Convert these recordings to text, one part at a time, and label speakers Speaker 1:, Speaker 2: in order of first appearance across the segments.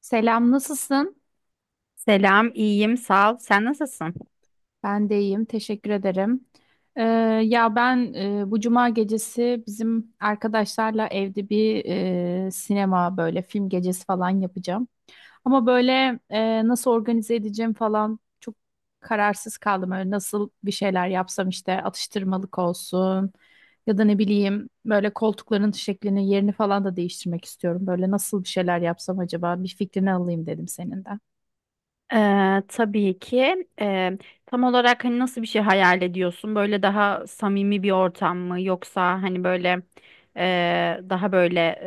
Speaker 1: Selam, nasılsın?
Speaker 2: Selam, iyiyim, sağ ol. Sen nasılsın?
Speaker 1: Ben de iyiyim, teşekkür ederim. Ee, Ya ben bu cuma gecesi bizim arkadaşlarla evde bir sinema böyle film gecesi falan yapacağım. Ama böyle nasıl organize edeceğim falan çok kararsız kaldım. Öyle nasıl bir şeyler yapsam, işte atıştırmalık olsun ya da ne bileyim böyle koltukların şeklini yerini falan da değiştirmek istiyorum. Böyle nasıl bir şeyler yapsam acaba bir fikrini alayım dedim senin de.
Speaker 2: Tabii ki. Tam olarak hani nasıl bir şey hayal ediyorsun? Böyle daha samimi bir ortam mı? Yoksa hani böyle daha böyle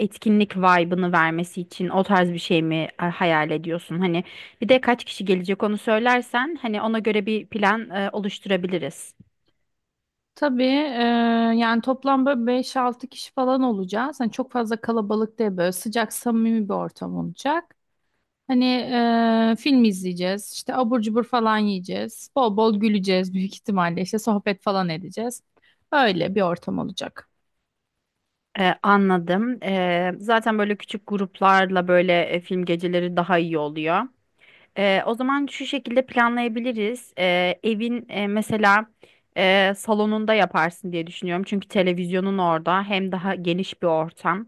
Speaker 2: etkinlik vibe'ını vermesi için o tarz bir şey mi hayal ediyorsun? Hani bir de kaç kişi gelecek onu söylersen hani ona göre bir plan oluşturabiliriz.
Speaker 1: Tabii, yani toplam böyle 5-6 kişi falan olacağız. Hani çok fazla kalabalık değil, böyle sıcak samimi bir ortam olacak. Hani, film izleyeceğiz, işte abur cubur falan yiyeceğiz. Bol bol güleceğiz, büyük ihtimalle işte sohbet falan edeceğiz. Öyle bir ortam olacak.
Speaker 2: Anladım. Zaten böyle küçük gruplarla böyle film geceleri daha iyi oluyor. O zaman şu şekilde planlayabiliriz. Evin mesela salonunda yaparsın diye düşünüyorum. Çünkü televizyonun orada hem daha geniş bir ortam.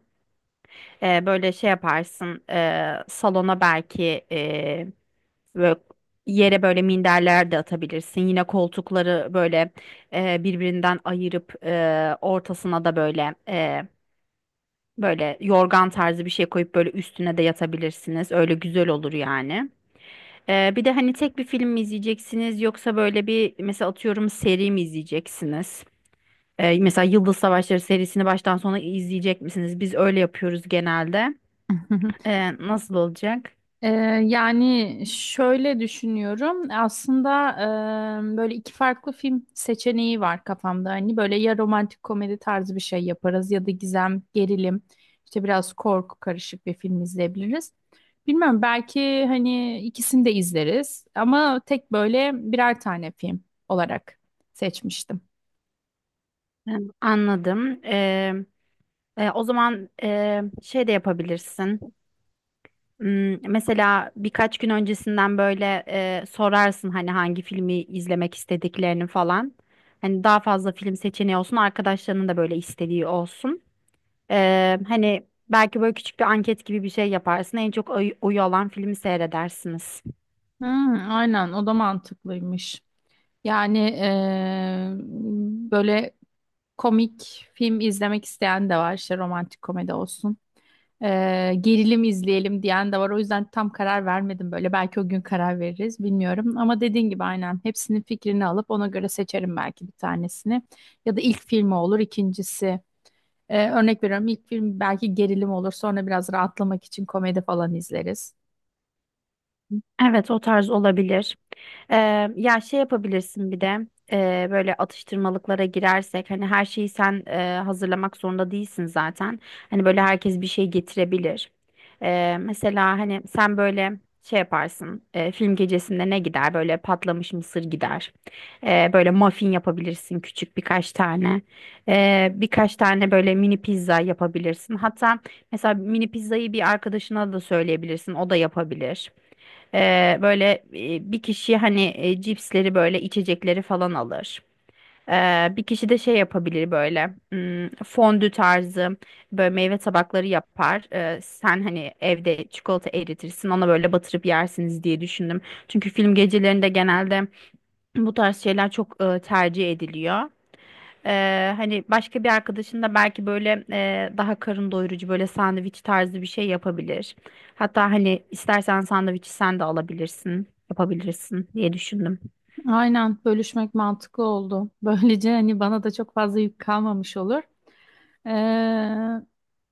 Speaker 2: Böyle şey yaparsın salona belki e, Böyle yere böyle minderler de atabilirsin. Yine koltukları böyle birbirinden ayırıp ortasına da böyle böyle yorgan tarzı bir şey koyup böyle üstüne de yatabilirsiniz. Öyle güzel olur yani. Bir de hani tek bir film mi izleyeceksiniz yoksa böyle bir mesela atıyorum seri mi izleyeceksiniz? Mesela Yıldız Savaşları serisini baştan sona izleyecek misiniz? Biz öyle yapıyoruz genelde. Nasıl olacak?
Speaker 1: Ee, Yani şöyle düşünüyorum. Aslında, böyle iki farklı film seçeneği var kafamda. Hani böyle ya romantik komedi tarzı bir şey yaparız ya da gizem, gerilim, işte biraz korku karışık bir film izleyebiliriz. Bilmem, belki hani ikisini de izleriz ama tek böyle birer tane film olarak seçmiştim.
Speaker 2: Ee, Anladım. O zaman şey de yapabilirsin. Mesela birkaç gün öncesinden böyle sorarsın hani hangi filmi izlemek istediklerini falan. Hani daha fazla film seçeneği olsun, arkadaşlarının da böyle istediği olsun. Hani belki böyle küçük bir anket gibi bir şey yaparsın. En çok oyu alan filmi seyredersiniz.
Speaker 1: Hmm, aynen, o da mantıklıymış. Yani, böyle komik film izlemek isteyen de var, işte romantik komedi olsun. Gerilim izleyelim diyen de var. O yüzden tam karar vermedim böyle. Belki o gün karar veririz, bilmiyorum. Ama dediğin gibi aynen hepsinin fikrini alıp ona göre seçerim belki bir tanesini. Ya da ilk filmi olur ikincisi. Örnek veriyorum, ilk film belki gerilim olur. Sonra biraz rahatlamak için komedi falan izleriz.
Speaker 2: Evet, o tarz olabilir. Ya şey yapabilirsin bir de böyle atıştırmalıklara girersek hani her şeyi sen hazırlamak zorunda değilsin zaten. Hani böyle herkes bir şey getirebilir. Mesela hani sen böyle şey yaparsın film gecesinde ne gider böyle patlamış mısır gider. Böyle muffin yapabilirsin küçük birkaç tane. Birkaç tane böyle mini pizza yapabilirsin. Hatta mesela mini pizzayı bir arkadaşına da söyleyebilirsin o da yapabilir. Böyle bir kişi hani cipsleri böyle içecekleri falan alır. Bir kişi de şey yapabilir böyle fondü tarzı böyle meyve tabakları yapar. Sen hani evde çikolata eritirsin ona böyle batırıp yersiniz diye düşündüm. Çünkü film gecelerinde genelde bu tarz şeyler çok tercih ediliyor. Hani başka bir arkadaşın da belki böyle daha karın doyurucu böyle sandviç tarzı bir şey yapabilir. Hatta hani istersen sandviçi sen de alabilirsin, yapabilirsin diye düşündüm.
Speaker 1: Aynen, bölüşmek mantıklı oldu. Böylece hani bana da çok fazla yük kalmamış olur. Ee,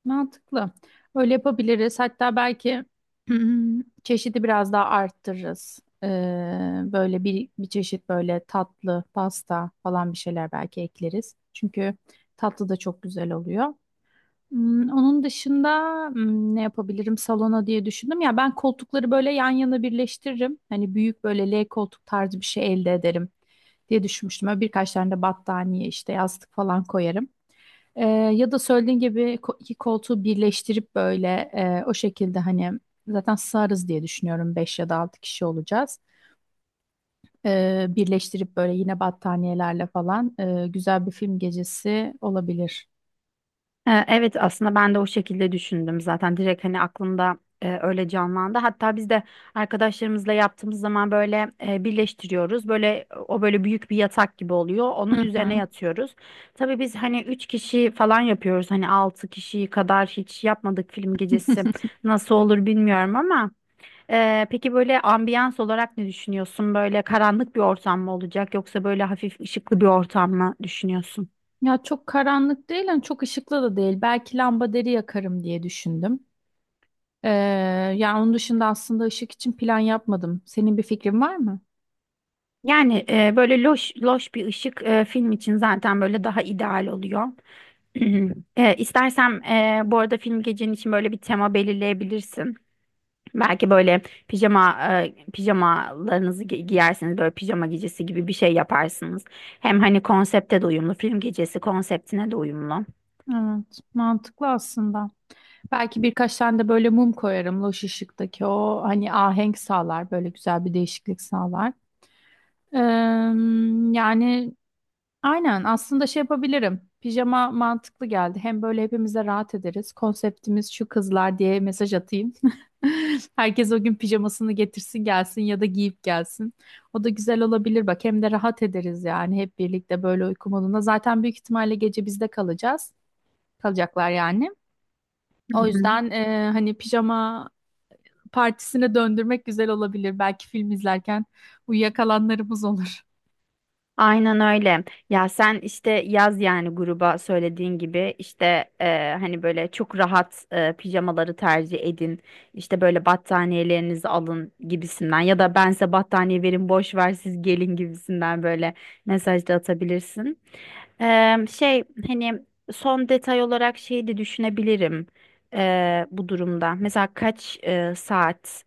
Speaker 1: Mantıklı. Öyle yapabiliriz. Hatta belki çeşidi biraz daha arttırırız. Böyle bir çeşit böyle tatlı, pasta falan bir şeyler belki ekleriz. Çünkü tatlı da çok güzel oluyor. Onun dışında ne yapabilirim salona diye düşündüm. Ya ben koltukları böyle yan yana birleştiririm. Hani büyük böyle L koltuk tarzı bir şey elde ederim diye düşünmüştüm. Böyle birkaç tane de battaniye, işte yastık falan koyarım. Ee, Ya da söylediğin gibi iki koltuğu birleştirip böyle, o şekilde hani zaten sığarız diye düşünüyorum, 5 ya da 6 kişi olacağız. Birleştirip böyle yine battaniyelerle falan güzel bir film gecesi olabilir.
Speaker 2: Evet aslında ben de o şekilde düşündüm zaten direkt hani aklımda öyle canlandı. Hatta biz de arkadaşlarımızla yaptığımız zaman böyle birleştiriyoruz. Böyle o böyle büyük bir yatak gibi oluyor. Onun
Speaker 1: Hı
Speaker 2: üzerine
Speaker 1: hı.
Speaker 2: yatıyoruz. Tabii biz hani üç kişi falan yapıyoruz. Hani altı kişi kadar hiç yapmadık film gecesi. Nasıl olur bilmiyorum ama peki böyle ambiyans olarak ne düşünüyorsun? Böyle karanlık bir ortam mı olacak yoksa böyle hafif ışıklı bir ortam mı düşünüyorsun?
Speaker 1: Ya çok karanlık değil, hani çok ışıklı da değil. Belki deri yakarım diye düşündüm. Ee, Yani onun dışında aslında ışık için plan yapmadım. Senin bir fikrin var mı?
Speaker 2: Yani böyle loş loş bir ışık film için zaten böyle daha ideal oluyor. İstersem e, bu arada film gecenin için böyle bir tema belirleyebilirsin. Belki böyle pijama giyersiniz böyle pijama gecesi gibi bir şey yaparsınız. Hem hani konsepte de uyumlu film gecesi konseptine de uyumlu.
Speaker 1: Evet, mantıklı aslında. Belki birkaç tane de böyle mum koyarım. Loş ışıktaki o hani ahenk sağlar. Böyle güzel bir değişiklik sağlar. Eee, Yani aynen aslında şey yapabilirim. Pijama mantıklı geldi. Hem böyle hepimiz de rahat ederiz. Konseptimiz şu kızlar diye mesaj atayım. Herkes o gün pijamasını getirsin gelsin ya da giyip gelsin. O da güzel olabilir bak. Hem de rahat ederiz, yani hep birlikte böyle uyku modunda. Zaten büyük ihtimalle gece bizde kalacağız. Kalacaklar yani.
Speaker 2: Hı
Speaker 1: O
Speaker 2: hı.
Speaker 1: yüzden hani pijama partisine döndürmek güzel olabilir. Belki film izlerken uyuyakalanlarımız olur.
Speaker 2: Aynen öyle. Ya sen işte yaz yani gruba söylediğin gibi işte hani böyle çok rahat pijamaları tercih edin. İşte böyle battaniyelerinizi alın gibisinden ya da ben size battaniye verin boş ver siz gelin gibisinden böyle mesaj da atabilirsin. Şey hani son detay olarak şeyi de düşünebilirim bu durumda. Mesela kaç saat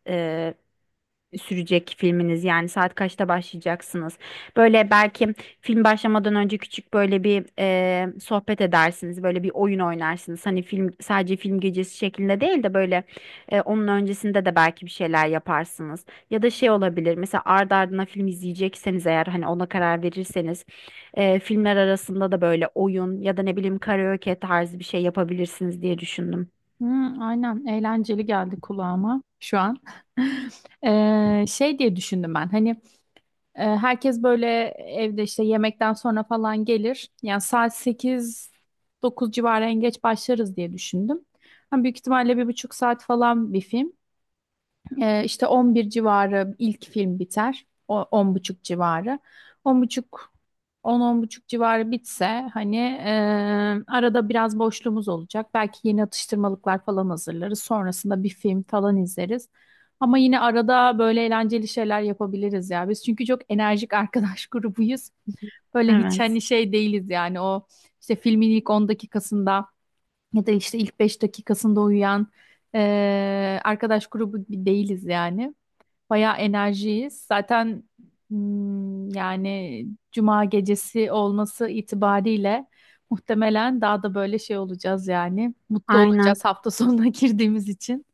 Speaker 2: sürecek filminiz? Yani saat kaçta başlayacaksınız? Böyle belki film başlamadan önce küçük böyle bir sohbet edersiniz. Böyle bir oyun oynarsınız. Hani film sadece film gecesi şeklinde değil de böyle onun öncesinde de belki bir şeyler yaparsınız. Ya da şey olabilir. Mesela ardı ardına film izleyecekseniz eğer hani ona karar verirseniz filmler arasında da böyle oyun ya da ne bileyim karaoke tarzı bir şey yapabilirsiniz diye düşündüm.
Speaker 1: Hmm, aynen, eğlenceli geldi kulağıma şu an. Şey diye düşündüm ben, hani, herkes böyle evde işte yemekten sonra falan gelir. Yani saat sekiz dokuz civarı en geç başlarız diye düşündüm. Hani büyük ihtimalle 1,5 saat falan bir film. İşte 11 civarı ilk film biter. O 10 buçuk civarı. On buçuk, on buçuk civarı bitse hani, arada biraz boşluğumuz olacak. Belki yeni atıştırmalıklar falan hazırlarız. Sonrasında bir film falan izleriz. Ama yine arada böyle eğlenceli şeyler yapabiliriz ya. Biz çünkü çok enerjik arkadaş grubuyuz. Böyle hiç
Speaker 2: Evet.
Speaker 1: hani şey değiliz, yani o işte filmin ilk 10 dakikasında ya da işte ilk 5 dakikasında uyuyan arkadaş grubu bir değiliz yani. Bayağı enerjiyiz. Zaten, yani cuma gecesi olması itibariyle muhtemelen daha da böyle şey olacağız yani. Mutlu olacağız
Speaker 2: Aynen.
Speaker 1: hafta sonuna girdiğimiz için.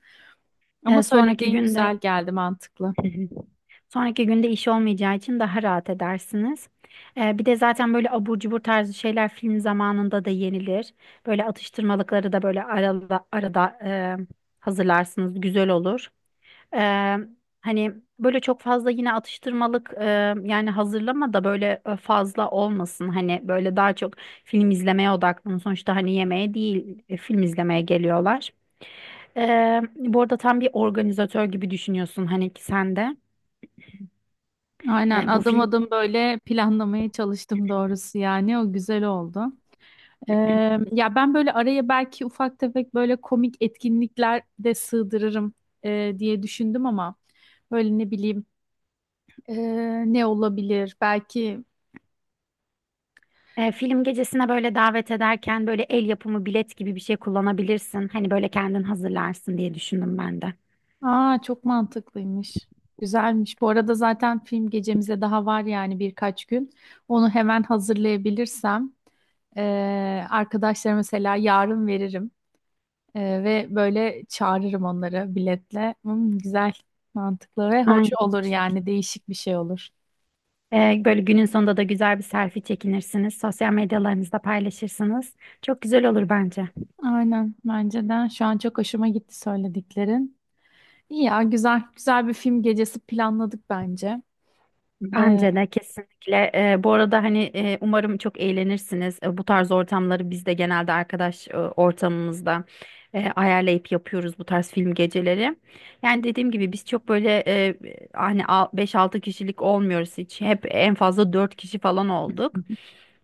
Speaker 1: Ama
Speaker 2: Sonraki
Speaker 1: söylediğin güzel
Speaker 2: günde
Speaker 1: geldi, mantıklı.
Speaker 2: Hı hı. Sonraki günde iş olmayacağı için daha rahat edersiniz. Bir de zaten böyle abur cubur tarzı şeyler film zamanında da yenilir. Böyle atıştırmalıkları da böyle arada hazırlarsınız. Güzel olur. Ee, hani böyle çok fazla yine atıştırmalık yani hazırlama da böyle fazla olmasın. Hani böyle daha çok film izlemeye odaklanın. Sonuçta hani yemeğe değil film izlemeye geliyorlar. Bu arada tam bir organizatör gibi düşünüyorsun hani ki sen de.
Speaker 1: Aynen,
Speaker 2: E, bu
Speaker 1: adım
Speaker 2: film
Speaker 1: adım böyle planlamaya çalıştım doğrusu, yani o güzel oldu. Ya ben böyle araya belki ufak tefek böyle komik etkinlikler de sığdırırım diye düşündüm ama böyle ne bileyim, ne olabilir belki.
Speaker 2: film gecesine böyle davet ederken böyle el yapımı bilet gibi bir şey kullanabilirsin. Hani böyle kendin hazırlarsın diye düşündüm ben de.
Speaker 1: Aa, çok mantıklıymış, güzelmiş bu arada. Zaten film gecemize daha var yani, birkaç gün. Onu hemen hazırlayabilirsem arkadaşlara mesela yarın veririm. Ve böyle çağırırım onları biletle. Güzel, mantıklı ve hoş
Speaker 2: Aynen.
Speaker 1: olur,
Speaker 2: Çok.
Speaker 1: yani değişik bir şey olur.
Speaker 2: Böyle günün sonunda da güzel bir selfie çekinirsiniz. Sosyal medyalarınızda paylaşırsınız. Çok güzel olur bence.
Speaker 1: Aynen, bence de. Şu an çok hoşuma gitti söylediklerin. İyi ya, güzel güzel bir film gecesi planladık bence. Ee,
Speaker 2: Bence de kesinlikle. Bu arada hani umarım çok eğlenirsiniz. Bu tarz ortamları biz de genelde arkadaş ortamımızda ayarlayıp yapıyoruz bu tarz film geceleri. Yani dediğim gibi biz çok böyle hani beş-altı kişilik olmuyoruz hiç. Hep en fazla 4 kişi falan olduk.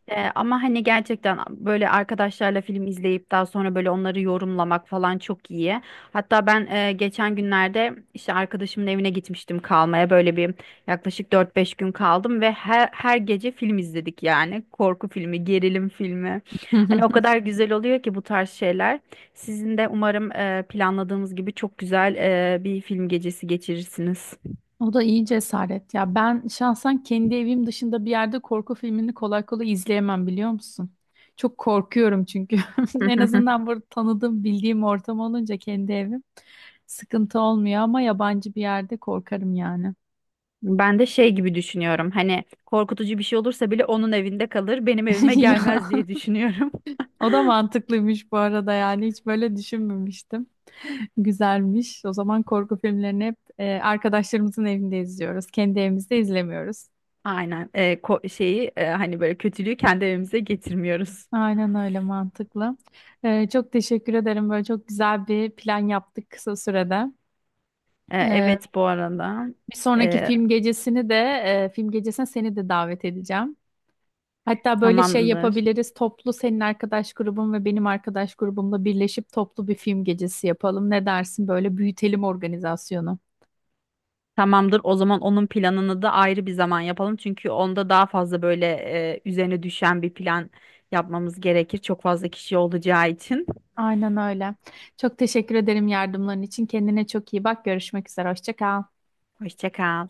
Speaker 2: Ama hani gerçekten böyle arkadaşlarla film izleyip daha sonra böyle onları yorumlamak falan çok iyi. Hatta ben geçen günlerde işte arkadaşımın evine gitmiştim kalmaya. Böyle bir yaklaşık dört beş gün kaldım ve her gece film izledik yani. Korku filmi, gerilim filmi. Hani o kadar güzel oluyor ki bu tarz şeyler. Sizin de umarım planladığımız gibi çok güzel bir film gecesi geçirirsiniz.
Speaker 1: O da iyi cesaret. Ya ben şahsen kendi evim dışında bir yerde korku filmini kolay kolay izleyemem, biliyor musun? Çok korkuyorum çünkü. En azından burada tanıdığım, bildiğim ortam olunca kendi evim sıkıntı olmuyor, ama yabancı bir yerde korkarım yani.
Speaker 2: Ben de şey gibi düşünüyorum. Hani korkutucu bir şey olursa bile onun evinde kalır, benim evime
Speaker 1: Ya,
Speaker 2: gelmez diye düşünüyorum.
Speaker 1: o da mantıklıymış bu arada, yani hiç böyle düşünmemiştim. Güzelmiş. O zaman korku filmlerini hep arkadaşlarımızın evinde izliyoruz. Kendi evimizde izlemiyoruz.
Speaker 2: Aynen. Şeyi hani böyle kötülüğü kendi evimize getirmiyoruz.
Speaker 1: Aynen öyle, mantıklı. Çok teşekkür ederim. Böyle çok güzel bir plan yaptık kısa sürede. E,
Speaker 2: Evet bu arada.
Speaker 1: Bir sonraki
Speaker 2: Ee,
Speaker 1: film gecesini de, film gecesine seni de davet edeceğim. Hatta böyle şey
Speaker 2: tamamdır.
Speaker 1: yapabiliriz. Toplu, senin arkadaş grubun ve benim arkadaş grubumla birleşip toplu bir film gecesi yapalım. Ne dersin? Böyle büyütelim organizasyonu.
Speaker 2: Tamamdır. O zaman onun planını da ayrı bir zaman yapalım. Çünkü onda daha fazla böyle üzerine düşen bir plan yapmamız gerekir. Çok fazla kişi olacağı için.
Speaker 1: Aynen öyle. Çok teşekkür ederim yardımların için. Kendine çok iyi bak. Görüşmek üzere. Hoşça kal.
Speaker 2: Hoşça kal.